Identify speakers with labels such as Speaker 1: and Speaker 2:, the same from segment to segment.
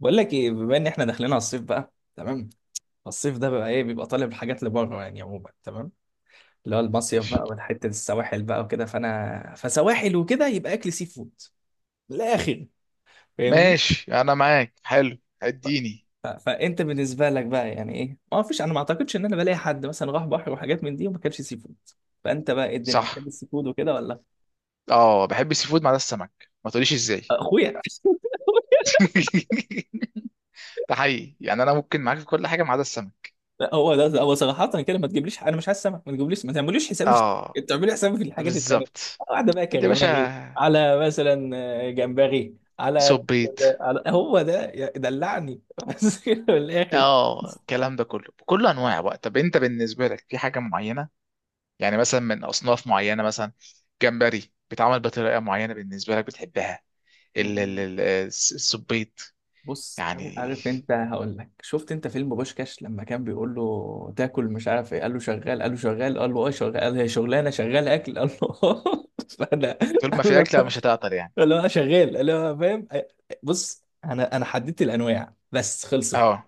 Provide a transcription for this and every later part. Speaker 1: بقول لك ايه، بما ان احنا داخلين على الصيف بقى. تمام. الصيف ده بقى ايه؟ بيبقى طالب الحاجات لبره، يعني عموما. تمام. اللي هو المصيف بقى،
Speaker 2: ماشي.
Speaker 1: والحته السواحل بقى وكده، فانا فسواحل وكده يبقى اكل سي فود. من الاخر. فاهمني.
Speaker 2: ماشي انا معاك. حلو.
Speaker 1: ف-
Speaker 2: اديني.
Speaker 1: فانت بالنسبه لك بقى يعني ايه؟ ما فيش، انا ما اعتقدش ان انا بلاقي حد مثلا راح بحر وحاجات من دي وما كانش سي فود. فانت بقى ايه؟ الدنيا بتحب
Speaker 2: صح.
Speaker 1: السي فود وكده ولا؟
Speaker 2: اه، بحب السي فود ما عدا السمك، ما تقوليش ازاي.
Speaker 1: اخويا.
Speaker 2: ده حقيقي، يعني انا ممكن معاك في كل حاجه ما عدا السمك.
Speaker 1: لا، هو ده هو صراحة كده. ما تجيبليش، انا مش عايز سمك. ما تجيبليش، ما تعمليش حسابي في
Speaker 2: اه،
Speaker 1: السمك، تعملي حسابي في الحاجات التانية.
Speaker 2: بالظبط.
Speaker 1: واحدة بقى
Speaker 2: قد يا باشا.
Speaker 1: كريماري على مثلا. آه، جمبري على
Speaker 2: صبيت.
Speaker 1: على هو ده دلعني. بس كده من الآخر.
Speaker 2: اه، الكلام ده كله بكل انواع بقى. طب انت بالنسبه لك في حاجه معينه، يعني مثلا من اصناف معينه، مثلا جمبري بيتعمل بطريقه معينه بالنسبه لك بتحبها؟
Speaker 1: مم.
Speaker 2: الصبيت.
Speaker 1: بص،
Speaker 2: يعني
Speaker 1: عارف انت؟ هقول لك. شفت انت فيلم بوشكاش لما كان بيقول له تاكل مش عارف ايه؟ قال له شغال، قال له شغال، قال له اه شغال، قال له هي شغلانه شغال اكل؟ قال له آه. فانا
Speaker 2: طول ما في اكله مش هتعطل يعني.
Speaker 1: اللي هو شغال، اللي هو فاهم. بص انا حددت الانواع بس، خلصت.
Speaker 2: اه،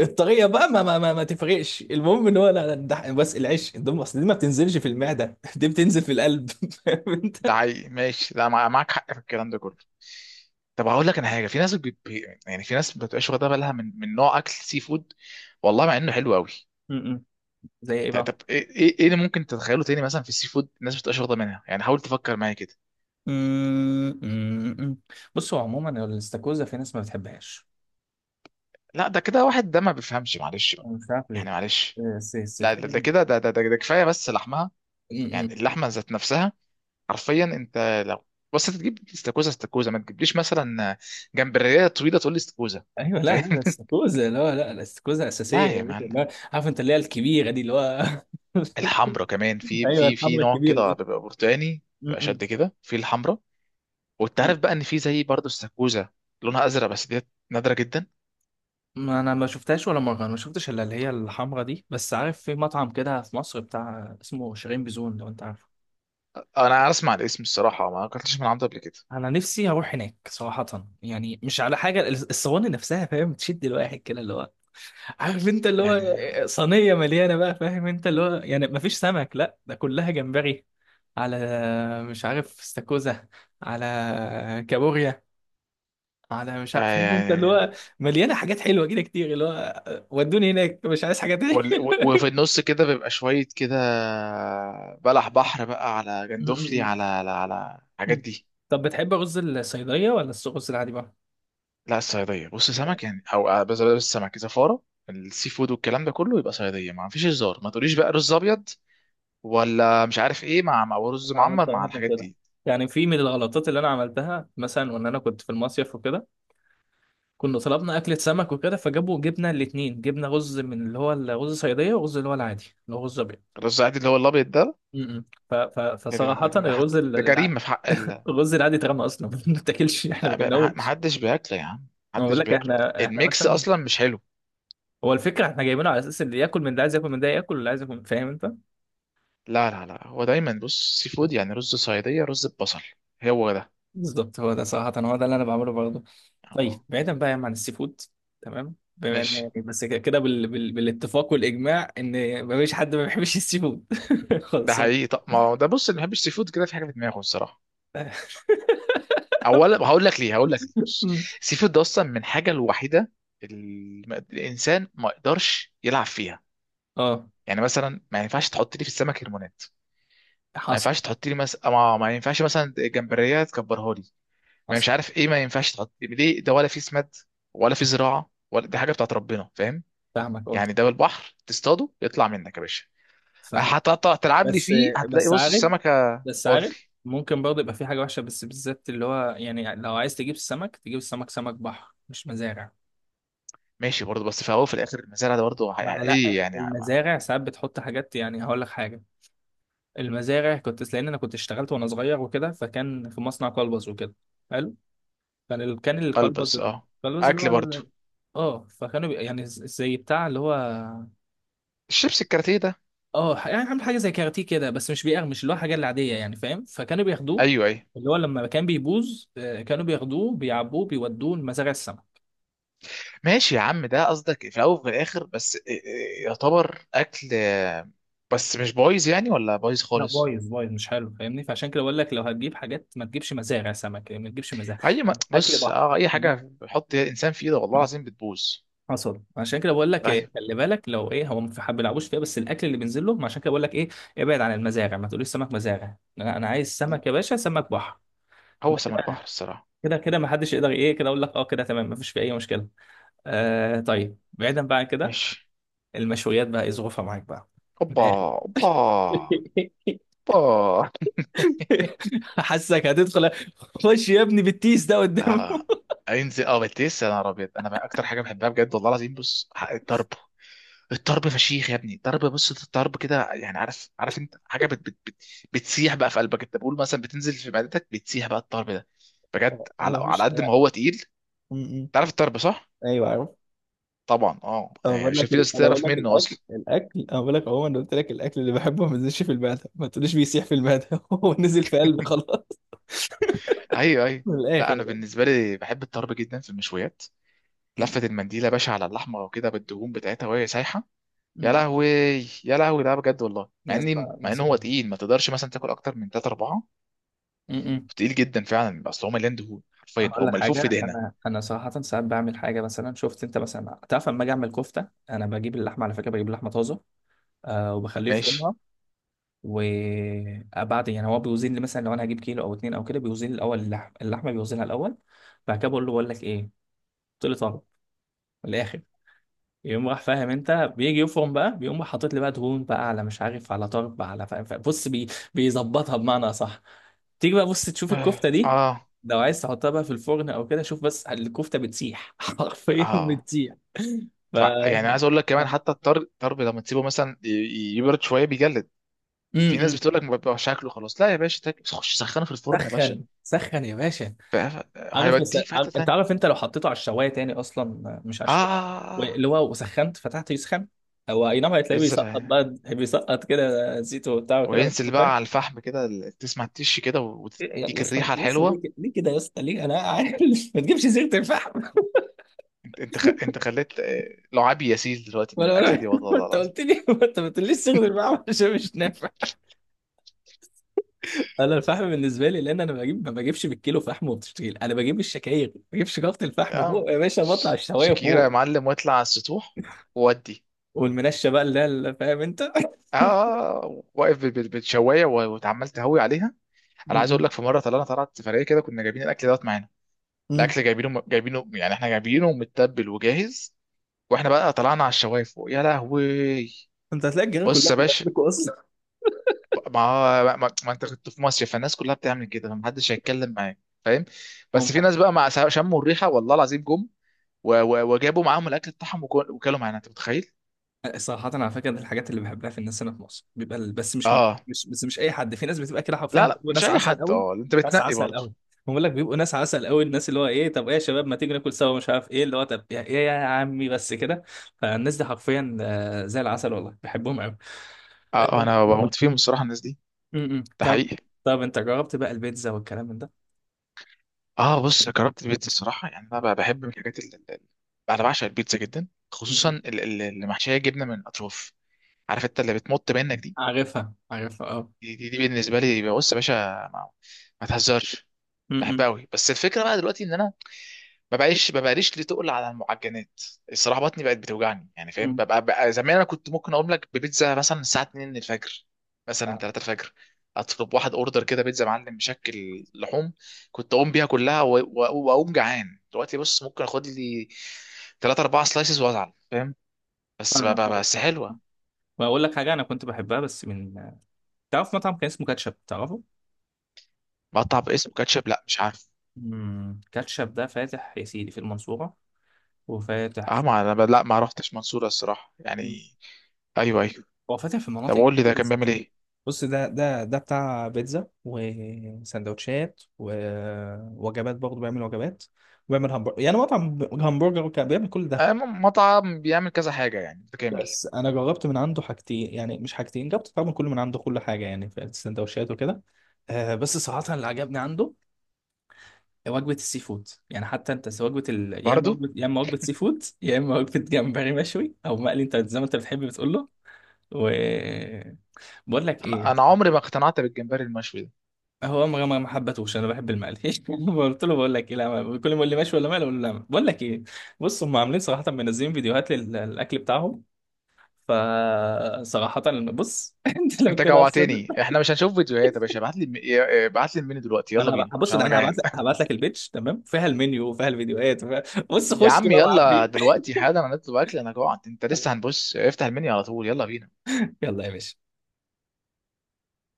Speaker 1: الطريقه بقى ما تفرقش. المهم ان هو. لا لا، ده بس العيش الدم، اصل دي ما بتنزلش في المعده دي بتنزل في القلب فاهم
Speaker 2: ده
Speaker 1: انت.
Speaker 2: حقيقي. ماشي، لا مع- معاك حق في الكلام ده كله. طب هقول لك انا حاجه، في ناس يعني في ناس ما بتبقاش واخده بالها من نوع اكل سي فود، والله مع انه حلو قوي.
Speaker 1: م- م. زي ايه بقى؟
Speaker 2: طب ايه إيه اللي ممكن تتخيله تاني مثلا في السي فود الناس ما بتبقاش واخده منها؟ يعني حاول تفكر معايا كده.
Speaker 1: أمم، أمم، أمم. بصوا عموما الاستاكوزا في ناس ما بتحبهاش.
Speaker 2: لا ده كده واحد ده ما بيفهمش، معلش بقى،
Speaker 1: أنا مش عارف ليه.
Speaker 2: يعني معلش.
Speaker 1: بس
Speaker 2: لا ده ده
Speaker 1: فاهم.
Speaker 2: كده ده كفايه بس لحمها، يعني
Speaker 1: أمم.
Speaker 2: اللحمه ذات نفسها. حرفيا انت لو، بس انت تجيب استاكوزا. ما تجيبليش مثلا جمبريه طويله تقول لي استاكوزا،
Speaker 1: ايوه. لا لا لا،
Speaker 2: فاهم؟
Speaker 1: الاستاكوزا. لا لا، الاستاكوزا اساسيه
Speaker 2: لا
Speaker 1: يا
Speaker 2: يا
Speaker 1: باشا،
Speaker 2: معلم.
Speaker 1: لا. عارف انت اللي هي الكبيره دي؟ اللي هو
Speaker 2: الحمرا كمان، في
Speaker 1: ايوه،
Speaker 2: في
Speaker 1: الحمرا
Speaker 2: نوع
Speaker 1: الكبيره
Speaker 2: كده بيبقى برتقاني، بيبقى
Speaker 1: دي.
Speaker 2: شد كده في الحمرا. وانت عارف بقى ان في زي برضه السكوزه، لونها ازرق بس ديت نادره جدا.
Speaker 1: ما انا ما شفتهاش ولا مره، انا ما شفتش الا اللي هي الحمرا دي، بس عارف في مطعم كده في مصر بتاع اسمه شيرين بزون، لو انت عارفه.
Speaker 2: انا اسمع الاسم الصراحه، ما اكلتش من عنده قبل كده.
Speaker 1: انا نفسي اروح هناك صراحه، يعني مش على حاجه، الصواني نفسها فاهم تشد الواحد كده، اللي هو عارف انت اللي هو
Speaker 2: يعني
Speaker 1: صينيه مليانه بقى، فاهم انت اللي هو، يعني ما فيش سمك، لا ده كلها جمبري، على مش عارف استاكوزا، على كابوريا، على مش
Speaker 2: آه،
Speaker 1: عارف، فاهم انت اللي
Speaker 2: يعني
Speaker 1: هو مليانه حاجات حلوه كده كتير، اللي هو ودوني هناك مش عايز حاجه تاني
Speaker 2: وفي النص كده بيبقى شويه كده بلح بحر بقى، على
Speaker 1: م-
Speaker 2: جندوفلي،
Speaker 1: م-
Speaker 2: على
Speaker 1: م-
Speaker 2: الحاجات
Speaker 1: م.
Speaker 2: دي.
Speaker 1: طب بتحب رز الصيدلية ولا الرز العادي بقى؟
Speaker 2: لا الصياديه، بص
Speaker 1: آه،
Speaker 2: سمك يعني، او آه، بس بس السمك زفاره. السي فود والكلام ده كله يبقى صياديه، ما فيش هزار، ما تقوليش بقى رز ابيض ولا مش عارف ايه، مع رز
Speaker 1: بعمل
Speaker 2: معمر مع
Speaker 1: صراحة من
Speaker 2: الحاجات
Speaker 1: كده،
Speaker 2: دي.
Speaker 1: يعني في من الغلطات اللي انا عملتها مثلا، وان انا كنت في المصيف وكده، كنا طلبنا اكلة سمك وكده، جبنا الاتنين، جبنا رز من اللي هو الرز صيدية، ورز اللي هو العادي اللي هو رز ابيض.
Speaker 2: الرز العادي اللي هو الابيض ده،
Speaker 1: م- م. فصراحة الرز
Speaker 2: ده جريمه في حق ال...
Speaker 1: الرز العادي اترمى اصلا ما بنتاكلش، احنا ما كلناهوش.
Speaker 2: محدش بياكله يا عم،
Speaker 1: انا بقول
Speaker 2: محدش
Speaker 1: لك
Speaker 2: بياكله.
Speaker 1: احنا
Speaker 2: الميكس
Speaker 1: مثلا
Speaker 2: اصلا مش حلو.
Speaker 1: هو الفكرة احنا جايبينه على اساس اللي ياكل من ده عايز ياكل من ده ياكل، واللي عايز ياكل فاهم انت.
Speaker 2: لا هو دايما بص سي فود، يعني رز صياديه، رز ببصل، هو ده.
Speaker 1: بالظبط هو ده، صراحة هو ده اللي أنا بعمله برضه.
Speaker 2: آه،
Speaker 1: طيب بعيدا بقى يا عم عن السي فود. تمام، بما إن
Speaker 2: ماشي.
Speaker 1: يعني بس كده كده بالاتفاق والإجماع إن مفيش حد ما بيحبش السي فود.
Speaker 2: ده
Speaker 1: خلصان.
Speaker 2: حقيقي، طب ما هو ده بص، اللي ما بيحبش سي فود كده في حاجه في دماغه الصراحه. اولا هقول لك ليه، هقول لك ليه، بص،
Speaker 1: مم.
Speaker 2: السي فود ده اصلا من حاجه الوحيده اللي الانسان ما يقدرش يلعب فيها.
Speaker 1: اه،
Speaker 2: يعني مثلا ما ينفعش تحط لي في السمك هرمونات، ما
Speaker 1: حصل،
Speaker 2: ينفعش تحط لي مثلا ما ينفعش مثلا جمبريه تكبرها لي، ما
Speaker 1: حصل.
Speaker 2: مش عارف ايه. ما ينفعش تحط ليه ده، ولا في سماد، ولا في زراعه. ولا دي حاجه بتاعت ربنا فاهم،
Speaker 1: فاهمك، اه،
Speaker 2: يعني ده بالبحر تصطاده يطلع منك يا باشا. أه،
Speaker 1: فاهم.
Speaker 2: هتقطع تلعب لي
Speaker 1: بس
Speaker 2: فيه، هتلاقي،
Speaker 1: بس
Speaker 2: بص
Speaker 1: عارف،
Speaker 2: السمكه.
Speaker 1: بس
Speaker 2: قول لي.
Speaker 1: عارف ممكن برضه يبقى في حاجه وحشه، بس بالذات اللي هو يعني، لو عايز تجيب السمك، تجيب السمك سمك بحر مش مزارع.
Speaker 2: ماشي برضه، بس في الاول وفي الاخر المزارع ده برضه
Speaker 1: ما
Speaker 2: ايه
Speaker 1: لا،
Speaker 2: يعني
Speaker 1: المزارع ساعات بتحط حاجات. يعني هقول لك حاجه، المزارع، لان انا كنت اشتغلت وانا صغير وكده، فكان في مصنع كلبز وكده. حلو. كان الكلبز،
Speaker 2: البس. اه،
Speaker 1: الكلبز اللي هو
Speaker 2: اكل برضه،
Speaker 1: ال... اه، فكانوا يعني زي بتاع اللي هو،
Speaker 2: الشيبس، الكاراتيه ده.
Speaker 1: اه يعني عامل حاجه زي كاراتيه كده، بس مش بيقرمش اللي هو حاجه العاديه يعني، فاهم. فكانوا بياخدوه
Speaker 2: ايوه ايوه،
Speaker 1: اللي هو لما كان بيبوظ، آه، كانوا بياخدوه، بيعبوه، بيودوه لمزارع السمك.
Speaker 2: ماشي يا عم، ده قصدك في الاول وفي الاخر بس إيه، يعتبر اكل آه، بس مش بايظ يعني ولا بايظ
Speaker 1: لا،
Speaker 2: خالص.
Speaker 1: بايظ بايظ، مش حلو. فاهمني، فعشان كده بقول لك، لو هتجيب حاجات ما تجيبش مزارع سمك، يعني ما تجيبش مزارع.
Speaker 2: اي ما
Speaker 1: يعني اكل
Speaker 2: بص،
Speaker 1: بحر.
Speaker 2: اه، اي حاجه بيحط انسان في ايده والله العظيم بتبوظ.
Speaker 1: حصل. عشان كده بقول لك إيه،
Speaker 2: ايوه.
Speaker 1: خلي بالك، لو ايه، هو ما في حد بيلعبوش فيها، بس الاكل اللي بينزل لهم. عشان كده بقول لك ايه، ابعد عن المزارع، ما تقوليش سمك مزارع. لا، انا عايز سمك يا باشا، سمك بحر.
Speaker 2: هو
Speaker 1: ده
Speaker 2: سمك
Speaker 1: كده،
Speaker 2: بحر الصراحه.
Speaker 1: كده كده ما حدش يقدر ايه، كده اقول لك اه، كده تمام، ما فيش في اي مشكله. آه، طيب بعيدا بقى عن كده.
Speaker 2: ماشي.
Speaker 1: المشويات بقى ايه ظروفها معاك بقى؟ من
Speaker 2: اوبا.
Speaker 1: الاخر.
Speaker 2: اوبا. اوبا.
Speaker 1: حاسك هتدخل. خش يا ابني بالتيس ده قدامه.
Speaker 2: اه. انزل اه بتلسع، يا نهار ابيض، انا بقى اكتر حاجه بحبها بجد والله العظيم، بص الطرب. الطرب فشيخ يا ابني. الطرب، بص الطرب كده، يعني عارف، عارف انت حاجه بت بت بت بتسيح بقى في قلبك، انت بقول مثلا بتنزل في معدتك، بتسيح بقى الطرب ده بجد،
Speaker 1: انا
Speaker 2: على
Speaker 1: مفيش
Speaker 2: قد ما
Speaker 1: انا.
Speaker 2: هو تقيل.
Speaker 1: م- م.
Speaker 2: تعرف الطرب صح؟
Speaker 1: ايوه،
Speaker 2: طبعا اه،
Speaker 1: انا
Speaker 2: يعني
Speaker 1: بقول
Speaker 2: عشان
Speaker 1: لك
Speaker 2: في ناس
Speaker 1: انا بقول
Speaker 2: تعرف
Speaker 1: لك
Speaker 2: منه
Speaker 1: الاكل
Speaker 2: اصلا.
Speaker 1: الاكل انا بقول لك عموما. أنا قلت لك، الاكل اللي بحبه ما بينزلش في المعده، ما تقوليش بيسيح في المعده هو نزل في قلبي خلاص.
Speaker 2: ايوه ايوه.
Speaker 1: من الاخر
Speaker 2: لا انا
Speaker 1: يعني.
Speaker 2: بالنسبه لي بحب الطرب جدا في المشويات. لفه
Speaker 1: م-
Speaker 2: المنديله يا باشا على اللحمه وكده بالدهون بتاعتها وهي سايحه. يا
Speaker 1: م.
Speaker 2: لهوي. يا لهوي، ده بجد والله. مع
Speaker 1: يا
Speaker 2: اني
Speaker 1: اسطى،
Speaker 2: مع ان
Speaker 1: نفس
Speaker 2: هو تقيل، ما تقدرش مثلا تاكل اكتر من 3 4.
Speaker 1: م- م.
Speaker 2: تقيل جدا فعلا، اصل هو مليان دهون، حرفيا
Speaker 1: هقول
Speaker 2: هو
Speaker 1: لك
Speaker 2: ملفوف في
Speaker 1: حاجة،
Speaker 2: دهنه.
Speaker 1: أنا صراحة ساعات بعمل حاجة. مثلا شفت أنت مثلا، تعرف لما أجي أعمل كفتة، أنا بجيب اللحمة، على فكرة بجيب لحمة طازة، أه، وبخليه
Speaker 2: ماشي.
Speaker 1: يفرمها. وبعد يعني هو بيوزن لي، مثلا لو أنا هجيب كيلو أو اتنين أو كده، بيوزن لي الأول اللحمة بيوزنها الأول. بعد كده بقول لك إيه؟ قلت لي طالب من الآخر، يقوم راح، فاهم انت، بيجي يفرم بقى، بيقوم راح حاطط لي بقى دهون بقى، على مش عارف، على طرب، على، فاهم فاهم. بص بيظبطها بمعنى اصح. تيجي بقى بص تشوف الكفته دي،
Speaker 2: اه.
Speaker 1: لو عايز تحطها بقى في الفرن او كده، شوف بس الكفته بتسيح حرفيا
Speaker 2: اه
Speaker 1: بتسيح. ف
Speaker 2: طبعا، يعني عايز اقول لك كمان
Speaker 1: جامد.
Speaker 2: حتى الطرب، الطرب لما تسيبه مثلا يبرد شويه بيجلد.
Speaker 1: م-
Speaker 2: في ناس
Speaker 1: م.
Speaker 2: بتقول لك ما بيبقاش شكله خلاص، لا يا باشا، خش سخنه في الفرن يا باشا،
Speaker 1: سخن سخن يا باشا.
Speaker 2: هيوديك في حته
Speaker 1: انت
Speaker 2: ثانيه.
Speaker 1: عارف انت لو حطيته على الشوايه تاني اصلا، مش على
Speaker 2: آه،
Speaker 1: الشوايه،
Speaker 2: آه.
Speaker 1: اللي هو وسخنت فتحته يسخن، هو اي نعم، هتلاقيه بيسقط
Speaker 2: بذرة،
Speaker 1: بقى بيسقط كده زيته وبتاع وكده بس.
Speaker 2: وينزل بقى على الفحم كده، تسمع التش كده
Speaker 1: إيه يا
Speaker 2: وتديك
Speaker 1: اسطى،
Speaker 2: الريحة
Speaker 1: يا اسطى
Speaker 2: الحلوة.
Speaker 1: ليه كده، ليه كده يا اسطى، ليه؟ انا عارف ما تجيبش صيغه الفحم.
Speaker 2: انت انت خليت آه، لعابي يسيل دلوقتي من
Speaker 1: ولا
Speaker 2: الأكلة دي
Speaker 1: ولا
Speaker 2: والله
Speaker 1: انت
Speaker 2: العظيم.
Speaker 1: قلت لي، انت ما تقوليش صيغه الفحم عشان مش نافع. انا الفحم بالنسبه لي، لان انا بجيب، ما بجيبش بالكيلو فحم وبتشتغل، انا بجيب الشكاير، ما بجيبش جافه الفحم
Speaker 2: آه،
Speaker 1: فوق يا باشا، بطلع الشوايه
Speaker 2: شكيرة يا
Speaker 1: فوق،
Speaker 2: معلم، واطلع على السطوح، وودي.
Speaker 1: والمنشه بقى اللي هي فاهم انت
Speaker 2: اه آه، آه، واقف بالشواية واتعمال تهوي عليها.
Speaker 1: م-
Speaker 2: انا عايز اقول
Speaker 1: م-
Speaker 2: لك في مره طلعنا، سفريه كده، كنا جايبين الاكل دوت معانا.
Speaker 1: م.
Speaker 2: الاكل جايبينه يعني، احنا جايبينه متبل وجاهز. واحنا بقى طلعنا على الشوايف فوق، يا لهوي.
Speaker 1: انت هتلاقي الجيران
Speaker 2: بص
Speaker 1: كلها
Speaker 2: يا
Speaker 1: بتبقى
Speaker 2: باشا،
Speaker 1: اكل كويس.
Speaker 2: ما هو- ما, ما انت كنت في مصر، فالناس كلها بتعمل كده، فمحدش هيتكلم معاك فاهم. بس في ناس بقى مع شموا الريحه والله العظيم جم، وجابوا معاهم الاكل بتاعهم، وكلوا معانا، انت متخيل؟
Speaker 1: صراحة على فكرة، من الحاجات اللي بحبها في الناس هنا في مصر بيبقى بس مش
Speaker 2: اه.
Speaker 1: مش بس مش أي حد، في ناس بتبقى كده حرفيا
Speaker 2: لا لا،
Speaker 1: بيبقوا
Speaker 2: مش
Speaker 1: ناس
Speaker 2: اي
Speaker 1: عسل
Speaker 2: حد،
Speaker 1: قوي،
Speaker 2: اه انت
Speaker 1: ناس
Speaker 2: بتنقي
Speaker 1: عسل
Speaker 2: برضه.
Speaker 1: قوي. بقول لك بيبقوا ناس عسل قوي، الناس اللي هو إيه طب إيه يا شباب ما تيجي ناكل سوا مش عارف إيه اللي هو طب إيه يا عمي بس كده، فالناس دي حرفيا آه، زي العسل والله، بحبهم قوي.
Speaker 2: اه آه،
Speaker 1: آه.
Speaker 2: انا بموت فيهم الصراحه الناس دي.
Speaker 1: م- م.
Speaker 2: ده
Speaker 1: طب.
Speaker 2: حقيقي.
Speaker 1: طب أنت جربت بقى البيتزا والكلام من ده؟
Speaker 2: اه بص، جربت البيتزا الصراحه، يعني انا بقى بحب من الحاجات اللي، انا بعشق البيتزا جدا،
Speaker 1: م-
Speaker 2: خصوصا
Speaker 1: م.
Speaker 2: اللي محشيه جبنه من الاطراف، عارف انت اللي بتمط منك دي.
Speaker 1: عارفها، عارفها، أه.
Speaker 2: دي بالنسبه لي، بص يا باشا، ما, ما تهزرش،
Speaker 1: م- م.
Speaker 2: بحبها قوي. بس الفكره بقى دلوقتي ان انا ما بقاليش ليه تقل على المعجنات الصراحه، بطني بقت بتوجعني يعني فاهم.
Speaker 1: م.
Speaker 2: ببقى بقى زمان انا كنت ممكن اقوم لك ببيتزا مثلا الساعه 2 الفجر، مثلا 3 الفجر، اطلب واحد اوردر كده بيتزا معلم مشكل لحوم، كنت اقوم بيها كلها، واقوم جعان. دلوقتي بص ممكن اخد لي 3 4 سلايسز وازعل فاهم،
Speaker 1: فاهمك، فاهمك،
Speaker 2: بس
Speaker 1: فاهمك.
Speaker 2: حلوه.
Speaker 1: بقول لك حاجة، أنا كنت بحبها بس من. تعرف مطعم كان اسمه كاتشب، تعرفه؟
Speaker 2: مقطع باسم كاتشب، لا مش عارف.
Speaker 1: مم. كاتشب ده فاتح يا سيدي في المنصورة، وفاتح
Speaker 2: اه،
Speaker 1: في...
Speaker 2: ما انا لا ما رحتش منصوره الصراحه يعني.
Speaker 1: مم.
Speaker 2: ايوه ايوه.
Speaker 1: هو فاتح في
Speaker 2: طب
Speaker 1: مناطق
Speaker 2: قول لي
Speaker 1: كتير،
Speaker 2: ده كان
Speaker 1: بس
Speaker 2: بيعمل ايه؟
Speaker 1: بص ده بتاع بيتزا وسندوتشات ووجبات، برضه بيعمل وجبات، وبيعمل همبرجر، يعني مطعم همبرجر، وكان بيعمل كل ده.
Speaker 2: آه، مطعم بيعمل كذا حاجة يعني، متكامل.
Speaker 1: بس انا جربت من عنده حاجتين، يعني مش حاجتين، جربت طبعا كل من عنده كل حاجه، يعني في السندوتشات وكده. آه، بس صراحه اللي عجبني عنده وجبة السي فود، يعني حتى انت سواء وجبة ال... يا اما
Speaker 2: برضو.
Speaker 1: وجبة، يا اما وجبة سي فود، يا اما وجبة جمبري مشوي او مقلي انت زي ما انت بتحب بتقول له. و بقول لك
Speaker 2: أنا
Speaker 1: ايه،
Speaker 2: أنا عمري ما اقتنعت بالجمبري المشوي ده.
Speaker 1: هو ما حبتهوش، انا بحب المقلي قلت له، بقول لك ايه، لا، كل ما يقول لي مشوي ولا مقلي اقول له لا. بقول لك ايه، بص هم عاملين صراحة منزلين فيديوهات للاكل بتاعهم. فصراحة بص انت لو
Speaker 2: أنت
Speaker 1: كده اصلا،
Speaker 2: جوعتني، إحنا مش هنشوف فيديوهات يا باشا، ابعت لي ابعت لي المنيو دلوقتي، يلا
Speaker 1: انا
Speaker 2: بينا
Speaker 1: هبص
Speaker 2: عشان
Speaker 1: ده،
Speaker 2: أنا
Speaker 1: انا هبعت
Speaker 2: جعان.
Speaker 1: لك البيتش، تمام، فيها المنيو وفيها الفيديوهات وفيها... بص
Speaker 2: يا
Speaker 1: خش
Speaker 2: عم
Speaker 1: بقى
Speaker 2: يلا
Speaker 1: وعبي.
Speaker 2: دلوقتي حالا، أنا هنطلب أكل، أنا جوعت أنت لسه هنبص، افتح المنيو على طول، يلا بينا.
Speaker 1: يلا يا باشا.